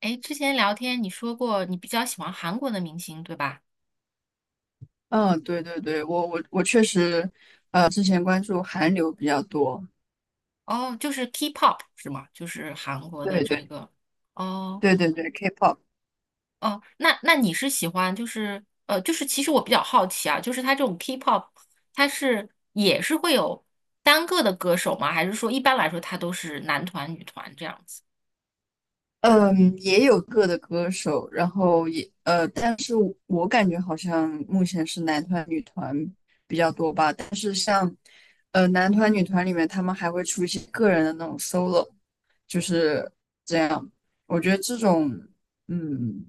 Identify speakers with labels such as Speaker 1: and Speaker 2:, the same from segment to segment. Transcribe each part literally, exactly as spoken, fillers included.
Speaker 1: 哎，之前聊天你说过你比较喜欢韩国的明星，对吧？
Speaker 2: 嗯，对对对，我我我确实，呃，之前关注韩流比较多。
Speaker 1: 哦，就是 K-pop 是吗？就是韩国的
Speaker 2: 对
Speaker 1: 这
Speaker 2: 对
Speaker 1: 个。哦
Speaker 2: 对对对，K-pop。
Speaker 1: 哦，那那你是喜欢就是呃，就是其实我比较好奇啊，就是它这种 K-pop，它是也是会有单个的歌手吗？还是说一般来说它都是男团、女团这样子？
Speaker 2: 嗯，也有个的歌手，然后也呃，但是我我感觉好像目前是男团女团比较多吧，但是像呃男团女团里面，他们还会出一些个人的那种 solo，就是这样，我觉得这种嗯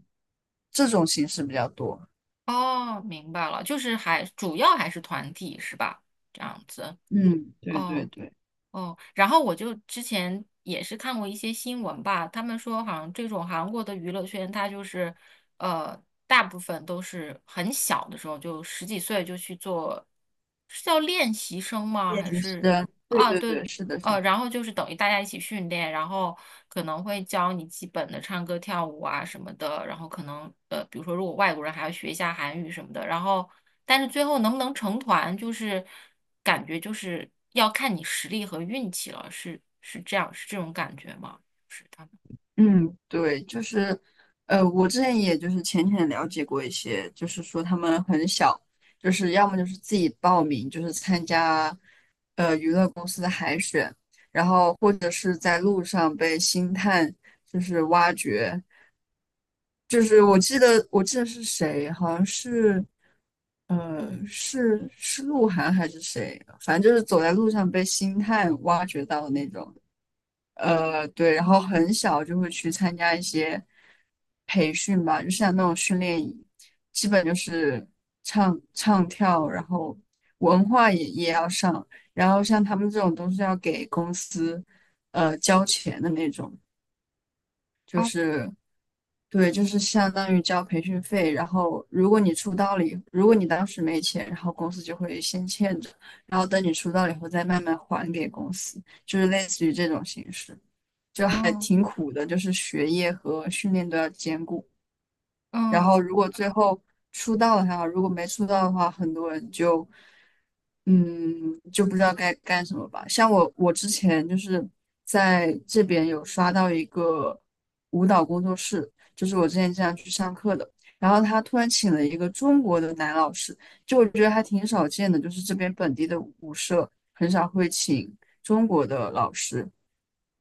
Speaker 2: 这种形式比较多。
Speaker 1: 哦，明白了，就是还主要还是团体是吧？这样子。
Speaker 2: 嗯，对对
Speaker 1: 哦。
Speaker 2: 对，
Speaker 1: 哦，然后我就之前也是看过一些新闻吧，他们说好像这种韩国的娱乐圈，它就是呃，大部分都是很小的时候，就十几岁就去做，是叫练习生吗？
Speaker 2: 也
Speaker 1: 还
Speaker 2: 习是
Speaker 1: 是
Speaker 2: 对
Speaker 1: 啊，
Speaker 2: 对对，
Speaker 1: 对，
Speaker 2: 是的是
Speaker 1: 呃，
Speaker 2: 的。
Speaker 1: 然后就是等于大家一起训练，然后可能会教你基本的唱歌、跳舞啊什么的，然后可能呃，比如说如果外国人还要学一下韩语什么的，然后但是最后能不能成团，就是感觉就是要看你实力和运气了，是是这样，是这种感觉吗？就是他们。
Speaker 2: 嗯，对，就是，呃，我之前也就是浅浅了解过一些，就是说他们很小，就是要么就是自己报名，就是参加，呃，娱乐公司的海选，然后或者是在路上被星探就是挖掘，就是我记得我记得是谁，好像是，呃，是是鹿晗还是谁，反正就是走在路上被星探挖掘到的那种。呃，对，然后很小就会去参加一些培训吧，就像那种训练营，基本就是唱唱跳，然后文化也也要上，然后像他们这种都是要给公司呃交钱的那种，就
Speaker 1: 哦
Speaker 2: 是。对，就是相当于交培训费，然后如果你出道了以，如果你当时没钱，然后公司就会先欠着，然后等你出道了以后再慢慢还给公司，就是类似于这种形式，就还
Speaker 1: 哦，
Speaker 2: 挺苦的，就是学业和训练都要兼顾。然后
Speaker 1: 嗯，
Speaker 2: 如果最后出道了还好，如果没出道的话，很多人就嗯就不知道该干什么吧。像我，我之前就是在这边有刷到一个舞蹈工作室，就是我之前经常去上课的。然后他突然请了一个中国的男老师，就我觉得还挺少见的，就是这边本地的舞社很少会请中国的老师。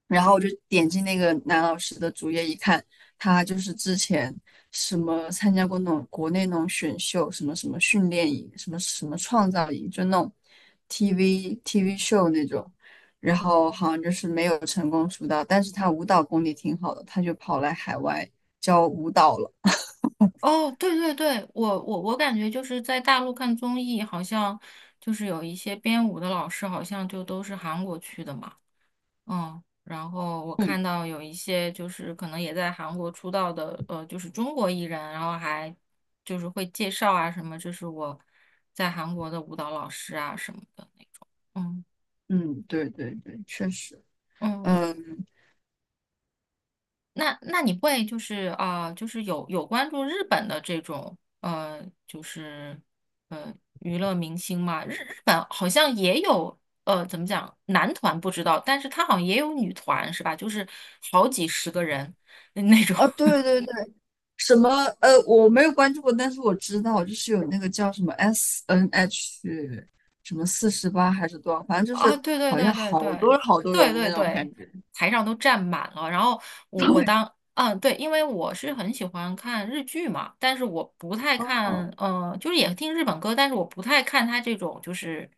Speaker 2: 然后我就点进那个男老师的主页一看，他就是之前什么参加过那种国内那种选秀，什么什么训练营，什么什么创造营，就那种 TV T V 秀那种。然后好像就是没有成功出道，但是他舞蹈功底挺好的，他就跑来海外教舞蹈了。
Speaker 1: 哦，对对对，我我我感觉就是在大陆看综艺，好像就是有一些编舞的老师，好像就都是韩国去的嘛。嗯，然后我
Speaker 2: 嗯
Speaker 1: 看到有一些就是可能也在韩国出道的，呃，就是中国艺人，然后还就是会介绍啊什么，这是我在韩国的舞蹈老师啊什么的那种。嗯
Speaker 2: 嗯，对对对，确实。
Speaker 1: 嗯，我
Speaker 2: 嗯，
Speaker 1: 那那你会就是啊、呃就是有有关注日本的这种呃，就是呃娱乐明星吗？日日本好像也有呃，怎么讲，男团不知道，但是他好像也有女团是吧？就是好几十个人嗯那种。
Speaker 2: 啊，对 对对。什么？呃，我没有关注过，但是我知道，就是有那个叫什么 S N H 什么四十八还是多少，反正就
Speaker 1: 啊，
Speaker 2: 是
Speaker 1: 对对
Speaker 2: 好像
Speaker 1: 对对
Speaker 2: 好
Speaker 1: 对
Speaker 2: 多好多
Speaker 1: 对
Speaker 2: 人的
Speaker 1: 对
Speaker 2: 那种感
Speaker 1: 对，
Speaker 2: 觉。
Speaker 1: 台上都站满了。然后我我当嗯对，因为我是很喜欢看日剧嘛，但是我不太看，
Speaker 2: 哦
Speaker 1: 嗯，就是也听日本歌，但是我不太看他这种就是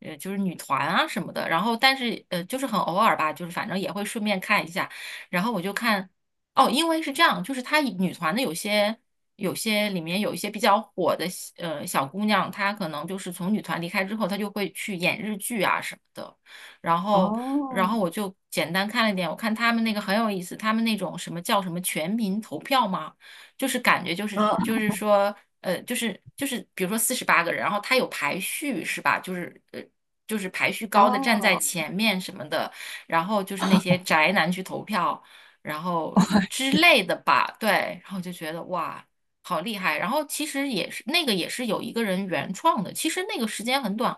Speaker 1: 呃就是女团啊什么的。然后但是呃就是很偶尔吧，就是反正也会顺便看一下。然后我就看哦，因为是这样，就是他女团的有些。有些里面有一些比较火的呃小姑娘，她可能就是从女团离开之后，她就会去演日剧啊什么的。然后，然
Speaker 2: 哦，
Speaker 1: 后我就简单看了一点，我看他们那个很有意思，他们那种什么叫什么全民投票吗？就是感觉就是就
Speaker 2: 嗯，
Speaker 1: 是说，呃，就是就是比如说四十八个人，然后他有排序是吧？就是呃。就是排序高的站在
Speaker 2: 哦，
Speaker 1: 前面什么的，然后就是那些宅男去投票，然后之类的吧，对，然后就觉得哇，好厉害。然后其实也是那个也是有一个人原创的，其实那个时间很短，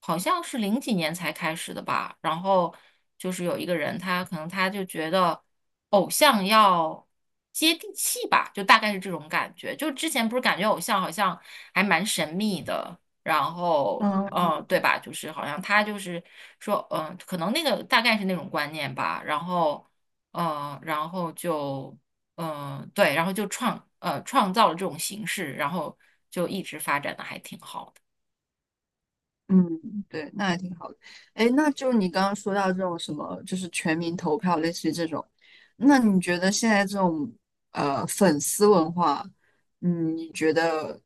Speaker 1: 好像是零几年才开始的吧。然后就是有一个人，他可能他就觉得偶像要接地气吧，就大概是这种感觉。就之前不是感觉偶像好像还蛮神秘的，然后。嗯，
Speaker 2: 嗯。
Speaker 1: 对吧？就是好像他就是说，嗯，可能那个大概是那种观念吧。然后，嗯，然后就嗯、呃对，然后就创呃创造了这种形式，然后就一直发展的还挺好的。
Speaker 2: 嗯，对，那还挺好的。哎，那就你刚刚说到这种什么，就是全民投票，类似于这种，那你觉得现在这种呃粉丝文化，嗯，你觉得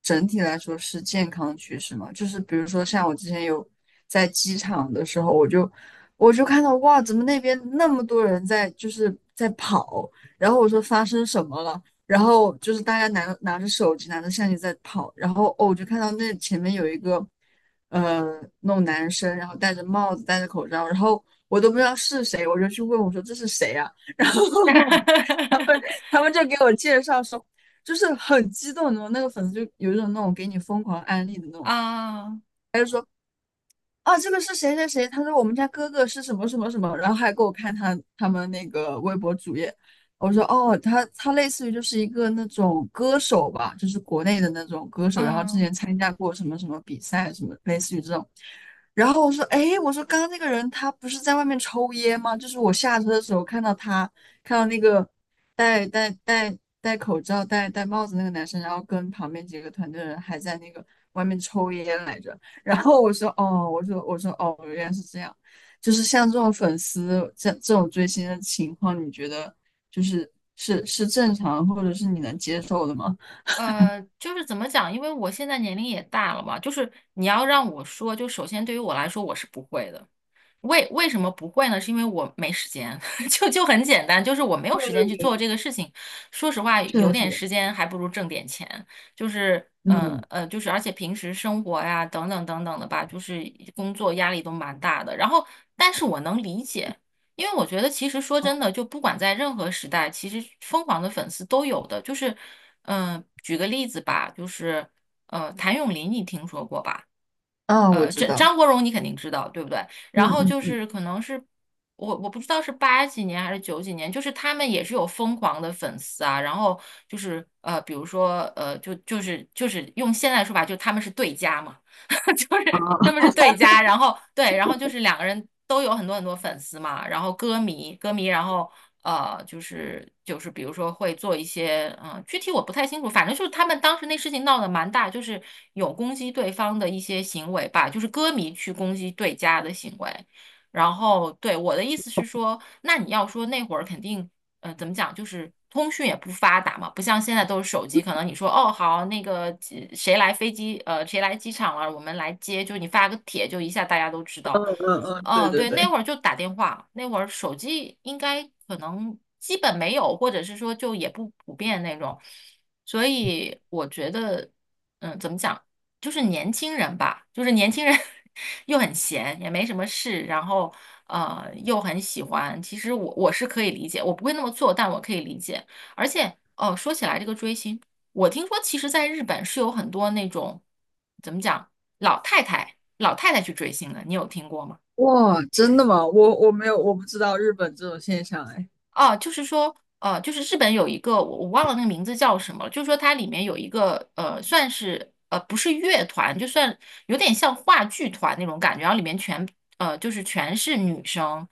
Speaker 2: 整体来说是健康的趋势吗？就是比如说像我之前有在机场的时候，我就我就看到哇，怎么那边那么多人在就是在跑，然后我说发生什么了，然后就是大家拿拿着手机拿着相机在跑，然后哦，我就看到那前面有一个呃那种男生，然后戴着帽子戴着口罩，然后我都不知道是谁，我就去问我说这是谁啊？然后 他们就给我介绍说，就是很激动的那种，那个粉丝就有一种那种给你疯狂安利的那种
Speaker 1: 啊，
Speaker 2: 啊，这个是谁谁谁？他说我们家哥哥是什么什么什么，然后还给我看他他们那个微博主页。我说哦，他他类似于就是一个那种歌手吧，就是国内的那种歌手，然后之
Speaker 1: 嗯，
Speaker 2: 前参加过什么什么比赛，什么类似于这种。然后我说，哎，我说刚刚那个人他不是在外面抽烟吗？就是我下车的时候看到他，看到那个戴戴戴戴口罩、戴戴帽子那个男生，然后跟旁边几个团队的人还在那个外面抽烟来着。然后我说，哦，我说我说哦，原来是这样。就是像这种粉丝这这种追星的情况，你觉得就是是是正常，或者是你能接受的吗？
Speaker 1: 呃，就是怎么讲？因为我现在年龄也大了嘛，就是你要让我说，就首先对于我来说，我是不会的。为为什么不会呢？是因为我没时间，就就很简单，就是我没有
Speaker 2: 对
Speaker 1: 时
Speaker 2: 对
Speaker 1: 间去做
Speaker 2: 对，
Speaker 1: 这个事情。说实话，
Speaker 2: 是
Speaker 1: 有
Speaker 2: 的，是
Speaker 1: 点
Speaker 2: 的。
Speaker 1: 时间还不如挣点钱，就是呃
Speaker 2: 嗯，
Speaker 1: 呃，就是而且平时生活呀等等等等的吧，就是工作压力都蛮大的。然后，但是我能理解，因为我觉得其实说真的，就不管在任何时代，其实疯狂的粉丝都有的。就是嗯、呃举个例子吧，就是呃，谭咏麟你听说过吧？
Speaker 2: 啊，我
Speaker 1: 呃，
Speaker 2: 知
Speaker 1: 这
Speaker 2: 道。
Speaker 1: 张国荣你肯定知道，对不对？
Speaker 2: 嗯
Speaker 1: 然后
Speaker 2: 嗯
Speaker 1: 就
Speaker 2: 嗯，
Speaker 1: 是可能是我我不知道是八几年还是九几年，就是他们也是有疯狂的粉丝啊。然后就是呃，比如说呃，就就是就是用现在的说法，就他们是对家嘛。就是他们
Speaker 2: 啊。
Speaker 1: 是对家，然后对，然后就是两个人都有很多很多粉丝嘛，然后歌迷歌迷，然后呃，就是就是比如说会做一些嗯、呃具体我不太清楚，反正就是他们当时那事情闹得蛮大，就是有攻击对方的一些行为吧，就是歌迷去攻击对家的行为。然后对我的意思是说，那你要说那会儿肯定呃，怎么讲，就是通讯也不发达嘛，不像现在都是手机，可能你说哦好，那个几谁来飞机，呃，谁来机场了，我们来接，就你发个帖，就一下大家都知
Speaker 2: 嗯
Speaker 1: 道。
Speaker 2: 嗯嗯，对
Speaker 1: 嗯，
Speaker 2: 对
Speaker 1: 对，那
Speaker 2: 对。
Speaker 1: 会儿就打电话，那会儿手机应该可能基本没有，或者是说就也不普遍那种，所以我觉得，嗯，怎么讲？就是年轻人吧，就是年轻人 又很闲，也没什么事，然后呃又很喜欢。其实我我是可以理解，我不会那么做，但我可以理解。而且哦，说起来这个追星，我听说其实在日本是有很多那种怎么讲老太太老太太去追星的，你有听过吗？
Speaker 2: 哇，真的吗？我我没有，我不知道日本这种现象哎。
Speaker 1: 哦，就是说，呃，就是日本有一个我我忘了那个名字叫什么了，就是说它里面有一个呃，算是呃不是乐团，就算有点像话剧团那种感觉，然后里面全呃就是全是女生，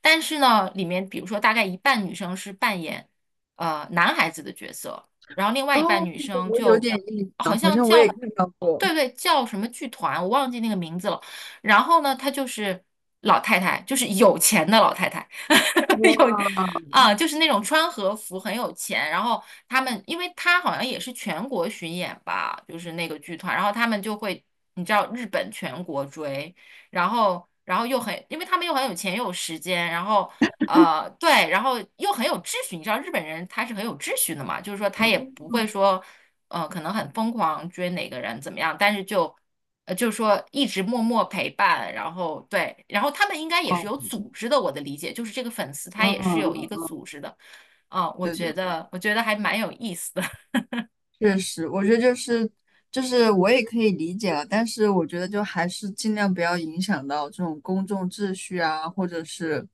Speaker 1: 但是呢，里面比如说大概一半女生是扮演呃男孩子的角色，然后另外
Speaker 2: 哦，
Speaker 1: 一半女生
Speaker 2: 我有
Speaker 1: 就
Speaker 2: 点印
Speaker 1: 好
Speaker 2: 象，好
Speaker 1: 像
Speaker 2: 像我也
Speaker 1: 叫
Speaker 2: 看到过。
Speaker 1: 对对叫什么剧团，我忘记那个名字了。然后呢，她就是老太太，就是有钱的老太太。有
Speaker 2: 哇，
Speaker 1: 啊，就是那种穿和服很有钱，然后他们，因为他好像也是全国巡演吧，就是那个剧团，然后他们就会，你知道日本全国追，然后然后又很，因为他们又很有钱又有时间，然后呃对，然后又很有秩序，你知道日本人他是很有秩序的嘛，就是说他
Speaker 2: 嗯，
Speaker 1: 也不会说，呃，可能很疯狂追哪个人怎么样，但是就。呃，就是说一直默默陪伴，然后对，然后他们应该也
Speaker 2: 哦，
Speaker 1: 是有组织的，我的理解就是这个粉丝
Speaker 2: 嗯
Speaker 1: 他也是
Speaker 2: 嗯
Speaker 1: 有一个
Speaker 2: 嗯，
Speaker 1: 组织的，啊、我
Speaker 2: 对对。
Speaker 1: 觉得我觉得还蛮有意思的，
Speaker 2: 确实，我觉得就是就是我也可以理解了，但是我觉得就还是尽量不要影响到这种公众秩序啊，或者是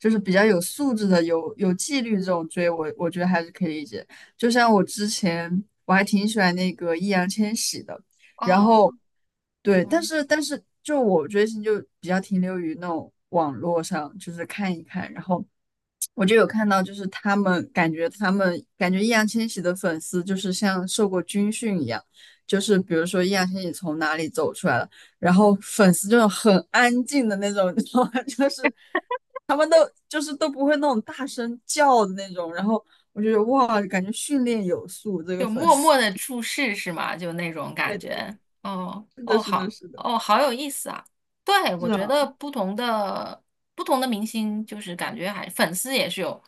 Speaker 2: 就是比较有素质的、有有纪律这种追我，我觉得还是可以理解。就像我之前我还挺喜欢那个易烊千玺的，然后。
Speaker 1: 哦，
Speaker 2: 对，但
Speaker 1: 嗯。
Speaker 2: 是但是就我追星就比较停留于那种网络上，就是看一看，然后我就有看到，就是他们感觉他们感觉易烊千玺的粉丝就是像受过军训一样，就是比如说易烊千玺从哪里走出来了，然后粉丝就很安静的那种，你知道吗？就是就是都不会那种大声叫的那种，然后我就觉得哇，感觉训练有素，这个
Speaker 1: 就
Speaker 2: 粉
Speaker 1: 默
Speaker 2: 丝，
Speaker 1: 默的注视是吗？就那种 感
Speaker 2: 对的，
Speaker 1: 觉。哦
Speaker 2: 是的，
Speaker 1: 哦，
Speaker 2: 是的，
Speaker 1: 好
Speaker 2: 是的，
Speaker 1: 哦，好有意思啊！对，我
Speaker 2: 是啊，
Speaker 1: 觉得不同的不同的明星，就是感觉还粉丝也是有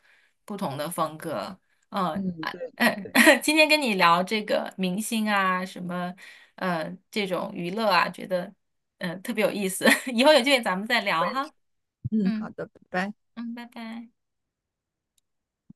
Speaker 1: 不同的风格。嗯，
Speaker 2: 嗯，
Speaker 1: 啊，
Speaker 2: 对，
Speaker 1: 嗯，今天跟你聊这个明星啊，什么呃这种娱乐啊，觉得嗯、呃特别有意思。以后有机会咱们再
Speaker 2: 我
Speaker 1: 聊
Speaker 2: 也是。
Speaker 1: 哈。
Speaker 2: 嗯，好
Speaker 1: 嗯
Speaker 2: 的，拜拜。
Speaker 1: 嗯，拜拜。